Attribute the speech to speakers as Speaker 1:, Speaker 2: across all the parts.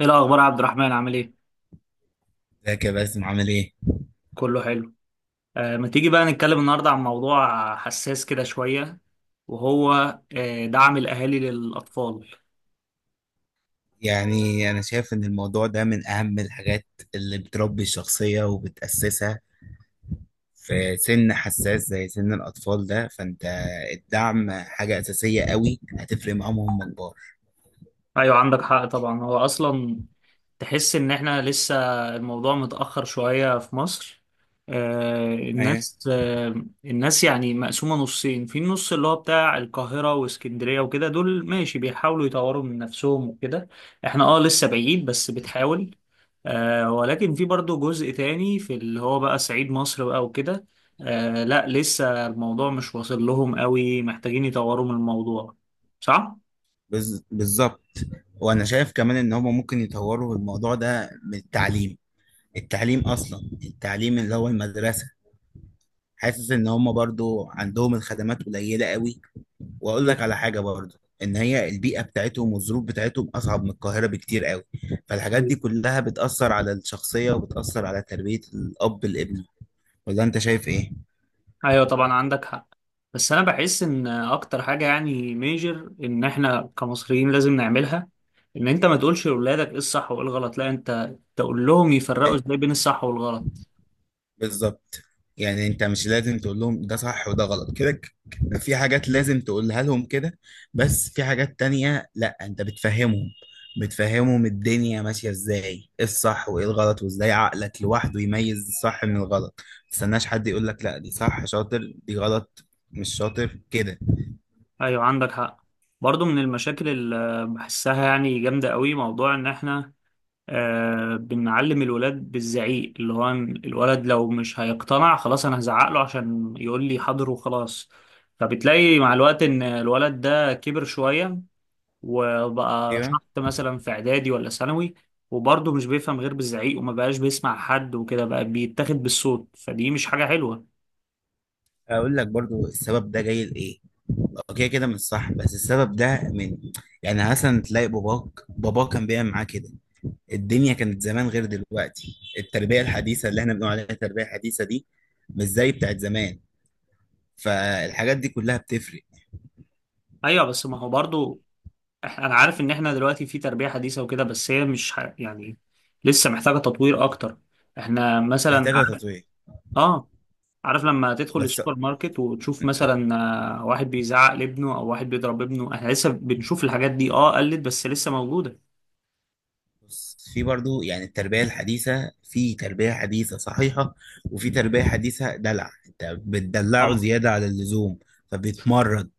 Speaker 1: ايه الاخبار يا عبد الرحمن؟ عامل ايه؟
Speaker 2: ازيك يا باسم؟ عامل ايه؟
Speaker 1: كله حلو. ما تيجي بقى نتكلم النهارده عن موضوع حساس كده شويه، وهو دعم الاهالي للاطفال.
Speaker 2: يعني انا شايف ان الموضوع ده من اهم الحاجات اللي بتربي الشخصية وبتأسسها في سن حساس زي سن الاطفال ده. فانت الدعم حاجة اساسية قوي، هتفرق معاهم وهم كبار.
Speaker 1: ايوه عندك حق طبعا، هو اصلا تحس ان احنا لسه الموضوع متأخر شوية في مصر.
Speaker 2: ايه.
Speaker 1: الناس يعني مقسومة نصين، في النص اللي هو بتاع القاهرة واسكندرية وكده، دول ماشي بيحاولوا يطوروا من نفسهم وكده. احنا لسه بعيد بس بتحاول. ولكن في برضو جزء تاني في اللي هو بقى صعيد مصر بقى وكده. لا لسه الموضوع مش واصل لهم قوي، محتاجين يطوروا من الموضوع. صح؟
Speaker 2: بالظبط. وانا شايف كمان ان هما ممكن يطوروا الموضوع ده من التعليم. التعليم اصلا، التعليم اللي هو المدرسة، حاسس ان هما برضو عندهم الخدمات قليلة قوي. واقول لك على حاجه برضه، ان هي البيئه بتاعتهم والظروف بتاعتهم اصعب من القاهره بكتير قوي، فالحاجات دي كلها بتاثر على الشخصيه وبتاثر على تربيه الاب الابن. ولا انت شايف ايه؟
Speaker 1: ايوه طبعا عندك حق. بس انا بحس ان اكتر حاجه يعني ميجر ان احنا كمصريين لازم نعملها، ان انت ما تقولش لاولادك ايه الصح وايه الغلط، لا انت تقول لهم يفرقوا ازاي بين الصح والغلط.
Speaker 2: بالظبط. يعني انت مش لازم تقول لهم ده صح وده غلط كده، في حاجات لازم تقولها لهم كده، بس في حاجات تانية لا انت بتفهمهم الدنيا ماشية ازاي، ايه الصح وايه الغلط، وازاي عقلك لوحده يميز الصح من الغلط. ما تستناش حد يقول لك لا دي صح شاطر دي غلط مش شاطر كده.
Speaker 1: ايوه عندك حق. برضو من المشاكل اللي بحسها يعني جامده قوي موضوع ان احنا بنعلم الولاد بالزعيق، اللي هو إن الولد لو مش هيقتنع خلاص انا هزعق له عشان يقول لي حاضر وخلاص. فبتلاقي مع الوقت ان الولد ده كبر شويه وبقى
Speaker 2: ايوه.
Speaker 1: شحط مثلا في اعدادي ولا ثانوي، وبرضه مش بيفهم غير بالزعيق وما بقاش بيسمع حد وكده، بقى بيتاخد بالصوت، فدي مش حاجة حلوة.
Speaker 2: اقول لك برضو السبب ده جاي لايه. اوكي كده مش صح، بس السبب ده من، يعني مثلا تلاقي باباك كان بيعمل معاه كده. الدنيا كانت زمان غير دلوقتي، التربية الحديثة اللي احنا بنقول عليها التربية الحديثة دي مش زي بتاعت زمان، فالحاجات دي كلها بتفرق.
Speaker 1: ايوه بس ما هو برضه. انا عارف ان احنا دلوقتي في تربية حديثة وكده، بس هي مش يعني لسه محتاجة تطوير اكتر. احنا مثلا
Speaker 2: محتاجة
Speaker 1: عارف.
Speaker 2: تطوير.
Speaker 1: اه، عارف لما تدخل
Speaker 2: بس
Speaker 1: السوبر ماركت وتشوف مثلا واحد بيزعق لابنه او واحد بيضرب ابنه، احنا لسه بنشوف الحاجات دي. اه قلت بس لسه موجودة.
Speaker 2: بص، في برضو يعني التربية الحديثة، في تربية حديثة صحيحة وفي تربية حديثة دلع، انت بتدلعه
Speaker 1: طبعا.
Speaker 2: زيادة على اللزوم فبيتمرد،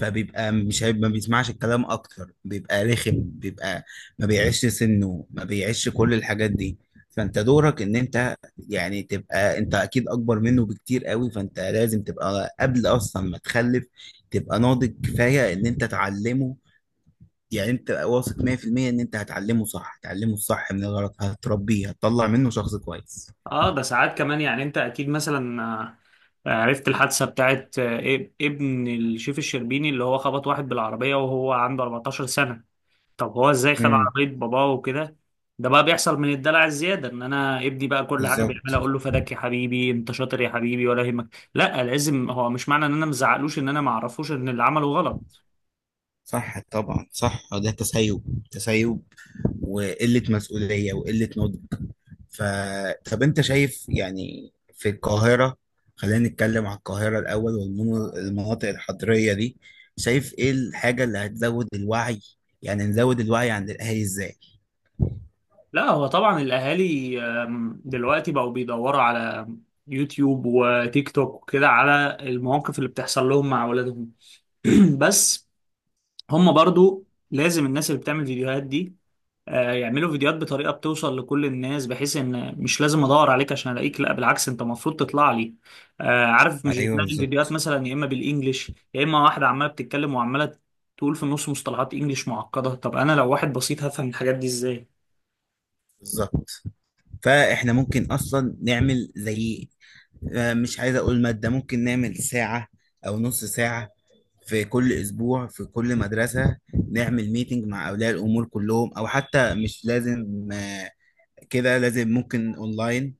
Speaker 2: فبيبقى مش هيبقى ما بيسمعش الكلام، اكتر بيبقى رخم، بيبقى ما بيعيش سنه، ما بيعيش كل الحاجات دي. فانت دورك ان انت، يعني تبقى انت اكيد اكبر منه بكتير قوي، فانت لازم تبقى قبل اصلا ما تخلف تبقى ناضج كفاية ان انت تعلمه. يعني انت واثق 100% ان انت هتعلمه صح، هتعلمه الصح من الغلط، هتربيه، هتطلع منه شخص كويس.
Speaker 1: اه ده ساعات كمان، يعني انت اكيد مثلا عرفت الحادثة بتاعت ابن الشيف الشربيني، اللي هو خبط واحد بالعربية وهو عنده 14 سنة. طب هو ازاي خد
Speaker 2: امم
Speaker 1: عربية باباه وكده؟ ده بقى بيحصل من الدلع الزيادة، ان انا ابني بقى كل حاجة
Speaker 2: بالظبط.
Speaker 1: بيعملها اقول له فداك يا حبيبي انت شاطر يا حبيبي ولا يهمك. لا لازم، هو مش معنى ان انا مزعقلوش ان انا معرفوش ان اللي عمله غلط.
Speaker 2: صح طبعا، صح. ده تسيب، تسيب وقلة مسؤولية وقلة نضج. ف، طب انت شايف يعني في القاهرة، خلينا نتكلم عن القاهرة الأول والمناطق الحضرية دي، شايف ايه الحاجة اللي هتزود الوعي؟ يعني نزود الوعي عند الأهالي ازاي؟
Speaker 1: لا هو طبعا الاهالي دلوقتي بقوا بيدوروا على يوتيوب وتيك توك وكده، على المواقف اللي بتحصل لهم مع اولادهم. بس هم برضو لازم الناس اللي بتعمل فيديوهات دي يعملوا فيديوهات بطريقة بتوصل لكل الناس، بحيث ان مش لازم ادور عليك عشان الاقيك، لا بالعكس انت المفروض تطلع لي. عارف مش
Speaker 2: ايوه
Speaker 1: بتلاقي الفيديوهات
Speaker 2: بالظبط.
Speaker 1: مثلا يا اما بالانجلش يا اما واحدة عمالة بتتكلم وعمالة تقول في النص مصطلحات انجلش معقدة. طب انا لو واحد بسيط هفهم الحاجات دي ازاي؟
Speaker 2: بالظبط. فاحنا ممكن اصلا نعمل زي، مش عايز اقول مادة، ممكن نعمل ساعة او نص ساعة في كل اسبوع في كل مدرسة، نعمل ميتنج مع اولياء الامور كلهم، او حتى مش لازم كده لازم، ممكن اونلاين.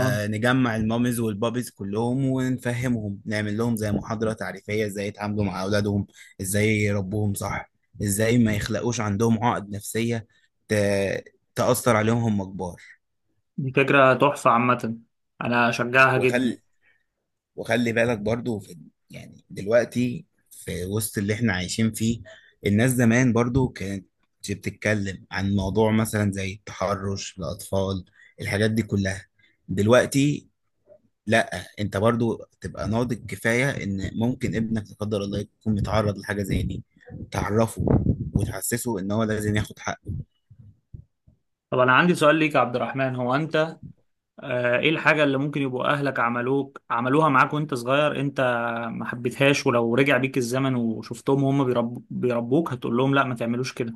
Speaker 1: اه.
Speaker 2: نجمع المامز والبابيز كلهم ونفهمهم، نعمل لهم زي محاضرة تعريفية ازاي يتعاملوا مع اولادهم، ازاي يربوهم صح، ازاي ما يخلقوش عندهم عقد نفسية ت- تأثر عليهم هم كبار.
Speaker 1: دي فكرة تحفة عامة، انا اشجعها جدا.
Speaker 2: ويخلي، وخلي بالك برضو في، يعني دلوقتي في وسط اللي احنا عايشين فيه، الناس زمان برضو كانت بتتكلم عن موضوع مثلا زي التحرش الأطفال، الحاجات دي كلها دلوقتي لا، انت برضو تبقى ناضج كفاية ان ممكن ابنك لا قدر الله يكون متعرض لحاجة زي دي، تعرفه وتحسسه ان هو لازم ياخد حقه.
Speaker 1: طب انا عندي سؤال ليك يا عبد الرحمن، هو انت ايه الحاجة اللي ممكن يبقوا اهلك عملوك عملوها معاك وانت صغير انت ما حبيتهاش، ولو رجع بيك الزمن وشفتهم وهم بيربوك هتقول لهم لا ما تعملوش كده؟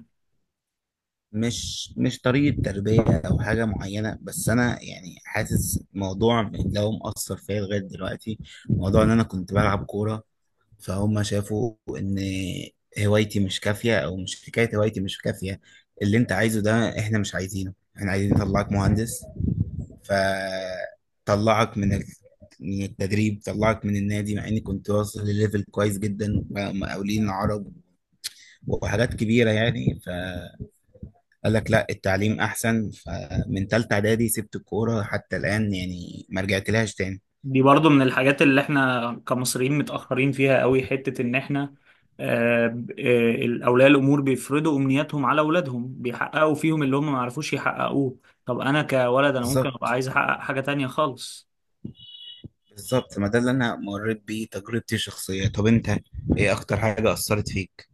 Speaker 2: مش طريقة تربية أو حاجة معينة، بس أنا يعني حاسس موضوع اللي هو مأثر فيا لغاية دلوقتي، موضوع إن أنا كنت بلعب كورة، فهم شافوا إن هوايتي مش كافية، أو مش حكاية هوايتي مش كافية، اللي أنت عايزه ده إحنا مش عايزينه، إحنا عايزين نطلعك مهندس. فطلعك من من التدريب، طلعك من النادي، مع إني كنت واصل لليفل كويس جدا، مقاولين عرب وحاجات كبيرة يعني. قال لك لا التعليم احسن، فمن تالتة اعدادي سبت الكورة حتى الان يعني، ما رجعت لهاش تاني.
Speaker 1: دي برضو من الحاجات اللي احنا كمصريين متأخرين فيها قوي، حتة ان احنا آه، ب- اولياء الامور بيفرضوا امنياتهم على اولادهم، بيحققوا فيهم اللي هم ما عرفوش يحققوه. طب انا كولد انا ممكن ابقى
Speaker 2: بالظبط.
Speaker 1: عايز احقق حاجة تانية خالص.
Speaker 2: بالظبط، ما ده اللي انا مريت بيه تجربتي الشخصية. طب انت ايه اكتر حاجة اثرت فيك؟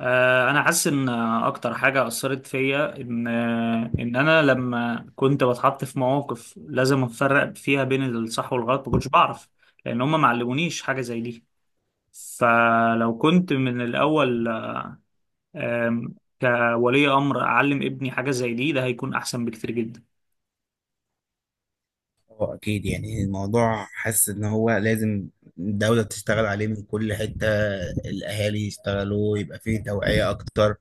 Speaker 1: انا حاسس ان اكتر حاجه اثرت فيا، ان ان انا لما كنت بتحط في مواقف لازم افرق فيها بين الصح والغلط ما كنتش بعرف، لان هم ما علمونيش حاجه زي دي. فلو كنت من الاول آم، كولي امر اعلم ابني حاجه زي دي، ده هيكون احسن بكتير جدا.
Speaker 2: اه اكيد. يعني الموضوع حاسس ان هو لازم الدولة تشتغل عليه من كل حتة، الاهالي يشتغلوا، يبقى فيه توعية اكتر،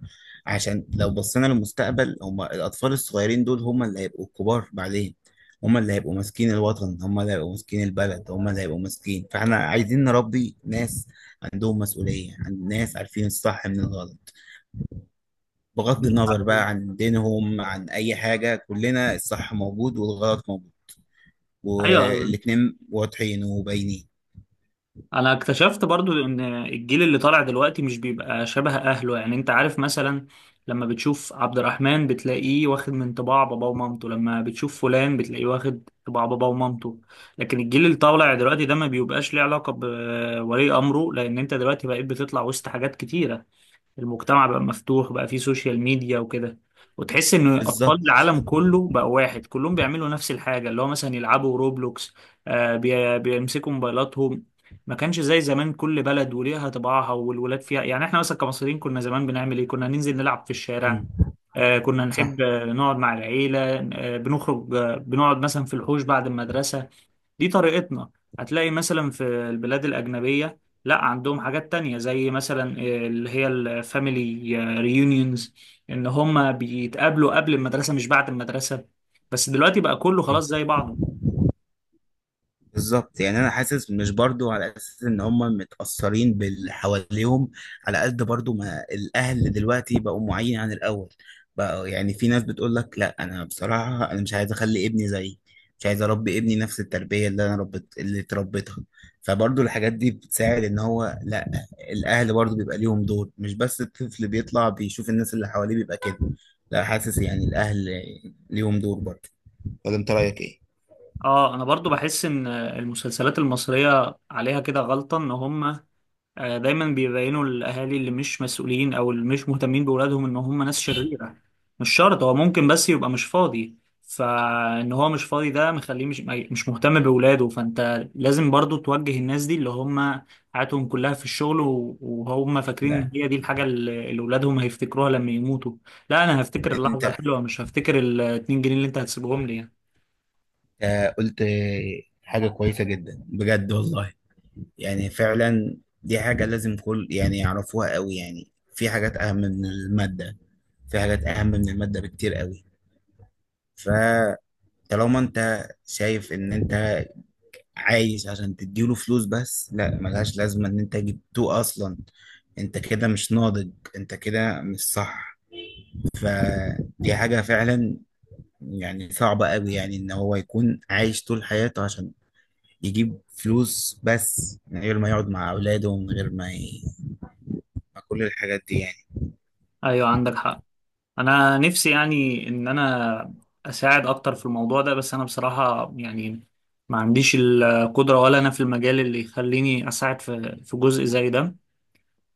Speaker 2: عشان لو بصينا للمستقبل هما الاطفال الصغيرين دول هما اللي هيبقوا الكبار بعدين، هما اللي هيبقوا ماسكين الوطن، هما اللي هيبقوا ماسكين البلد، هما اللي هيبقوا ماسكين. فاحنا عايزين نربي ناس عندهم مسؤولية، عند ناس عارفين الصح من الغلط، بغض النظر بقى عن دينهم عن اي حاجة، كلنا الصح موجود والغلط موجود
Speaker 1: ايوه
Speaker 2: والاتنين واضحين وباينين.
Speaker 1: انا اكتشفت برضو ان الجيل اللي طالع دلوقتي مش بيبقى شبه اهله. يعني انت عارف مثلا لما بتشوف عبد الرحمن بتلاقيه واخد من طباع بابا ومامته، لما بتشوف فلان بتلاقيه واخد طباع بابا ومامته. لكن الجيل اللي طالع دلوقتي ده ما بيبقاش ليه علاقة بولي امره، لان انت دلوقتي بقيت بتطلع وسط حاجات كتيرة. المجتمع بقى مفتوح، بقى فيه سوشيال ميديا وكده، وتحس ان اطفال
Speaker 2: بالظبط.
Speaker 1: العالم كله بقى واحد كلهم بيعملوا نفس الحاجه، اللي هو مثلا يلعبوا روبلوكس، بيمسكوا موبايلاتهم. ما كانش زي زمان كل بلد وليها طباعها والولاد فيها. يعني احنا مثلا كمصريين كنا زمان بنعمل ايه؟ كنا ننزل نلعب في الشارع،
Speaker 2: مم.
Speaker 1: كنا
Speaker 2: صح.
Speaker 1: نحب نقعد مع العيله، بنخرج، بنقعد مثلا في الحوش بعد المدرسه. دي طريقتنا. هتلاقي مثلا في البلاد الأجنبية لا عندهم حاجات تانية، زي مثلا اللي هي الفاميلي ريونيونز، إن هما بيتقابلوا قبل المدرسة مش بعد المدرسة. بس دلوقتي بقى كله خلاص زي بعضه.
Speaker 2: بالظبط. يعني انا حاسس مش برضو على اساس ان هم متاثرين باللي حواليهم، على قد برضو ما الاهل دلوقتي بقوا معين عن الاول. بقى يعني في ناس بتقول لك لا انا بصراحه انا مش عايز اخلي ابني زيي، مش عايز اربي ابني نفس التربيه اللي انا ربت اللي اتربيتها. فبرضو الحاجات دي بتساعد ان هو لا، الاهل برضو بيبقى ليهم دور، مش بس الطفل بيطلع بيشوف الناس اللي حواليه بيبقى كده، لا، حاسس يعني الاهل ليهم دور برضو. ولا انت رايك ايه؟
Speaker 1: اه انا برضو بحس ان المسلسلات المصرية عليها كده غلطة، ان هم دايما بيبينوا الاهالي اللي مش مسؤولين او اللي مش مهتمين باولادهم ان هم ناس شريره. مش شرط، هو ممكن بس يبقى مش فاضي، فان هو مش فاضي ده مخليه مش مهتم باولاده. فانت لازم برضو توجه الناس دي اللي هم حياتهم كلها في الشغل، وهم فاكرين
Speaker 2: لا
Speaker 1: ان هي دي الحاجه اللي اولادهم هيفتكروها لما يموتوا. لا انا هفتكر اللحظه
Speaker 2: انت
Speaker 1: الحلوه، مش هفتكر ال 2 جنيه اللي انت هتسيبهم لي يعني.
Speaker 2: قلت حاجة كويسة جدا بجد والله، يعني فعلا دي حاجة لازم كل يعني يعرفوها قوي، يعني في حاجات أهم من المادة، في حاجات أهم من المادة بكتير قوي. فطالما أنت شايف إن أنت عايش عشان تديله فلوس بس، لا، ملهاش لازمة إن أنت جبتوه أصلا. أنت كده مش ناضج، أنت كده مش صح. فدي حاجة فعلا يعني صعبة قوي، يعني إن هو يكون عايش طول حياته عشان يجيب فلوس بس، من غير ما يقعد مع أولاده، ومن غير ما مع كل الحاجات دي يعني.
Speaker 1: ايوه عندك حق. انا نفسي يعني ان انا اساعد اكتر في الموضوع ده، بس انا بصراحة يعني ما عنديش القدرة ولا انا في المجال اللي يخليني اساعد في جزء زي ده.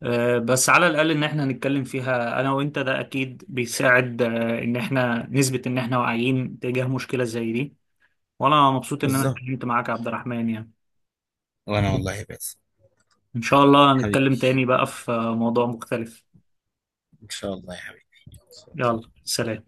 Speaker 1: بس على الاقل ان احنا نتكلم فيها انا وانت ده اكيد بيساعد، ان احنا نثبت ان احنا واعيين تجاه مشكلة زي دي. وانا مبسوط ان انا
Speaker 2: بالظبط.
Speaker 1: اتكلمت معاك يا عبد الرحمن يعني.
Speaker 2: وأنا والله بس،
Speaker 1: ان شاء الله نتكلم
Speaker 2: حبيبي،
Speaker 1: تاني بقى في موضوع مختلف.
Speaker 2: إن شاء الله يا حبيبي.
Speaker 1: يلا سلام.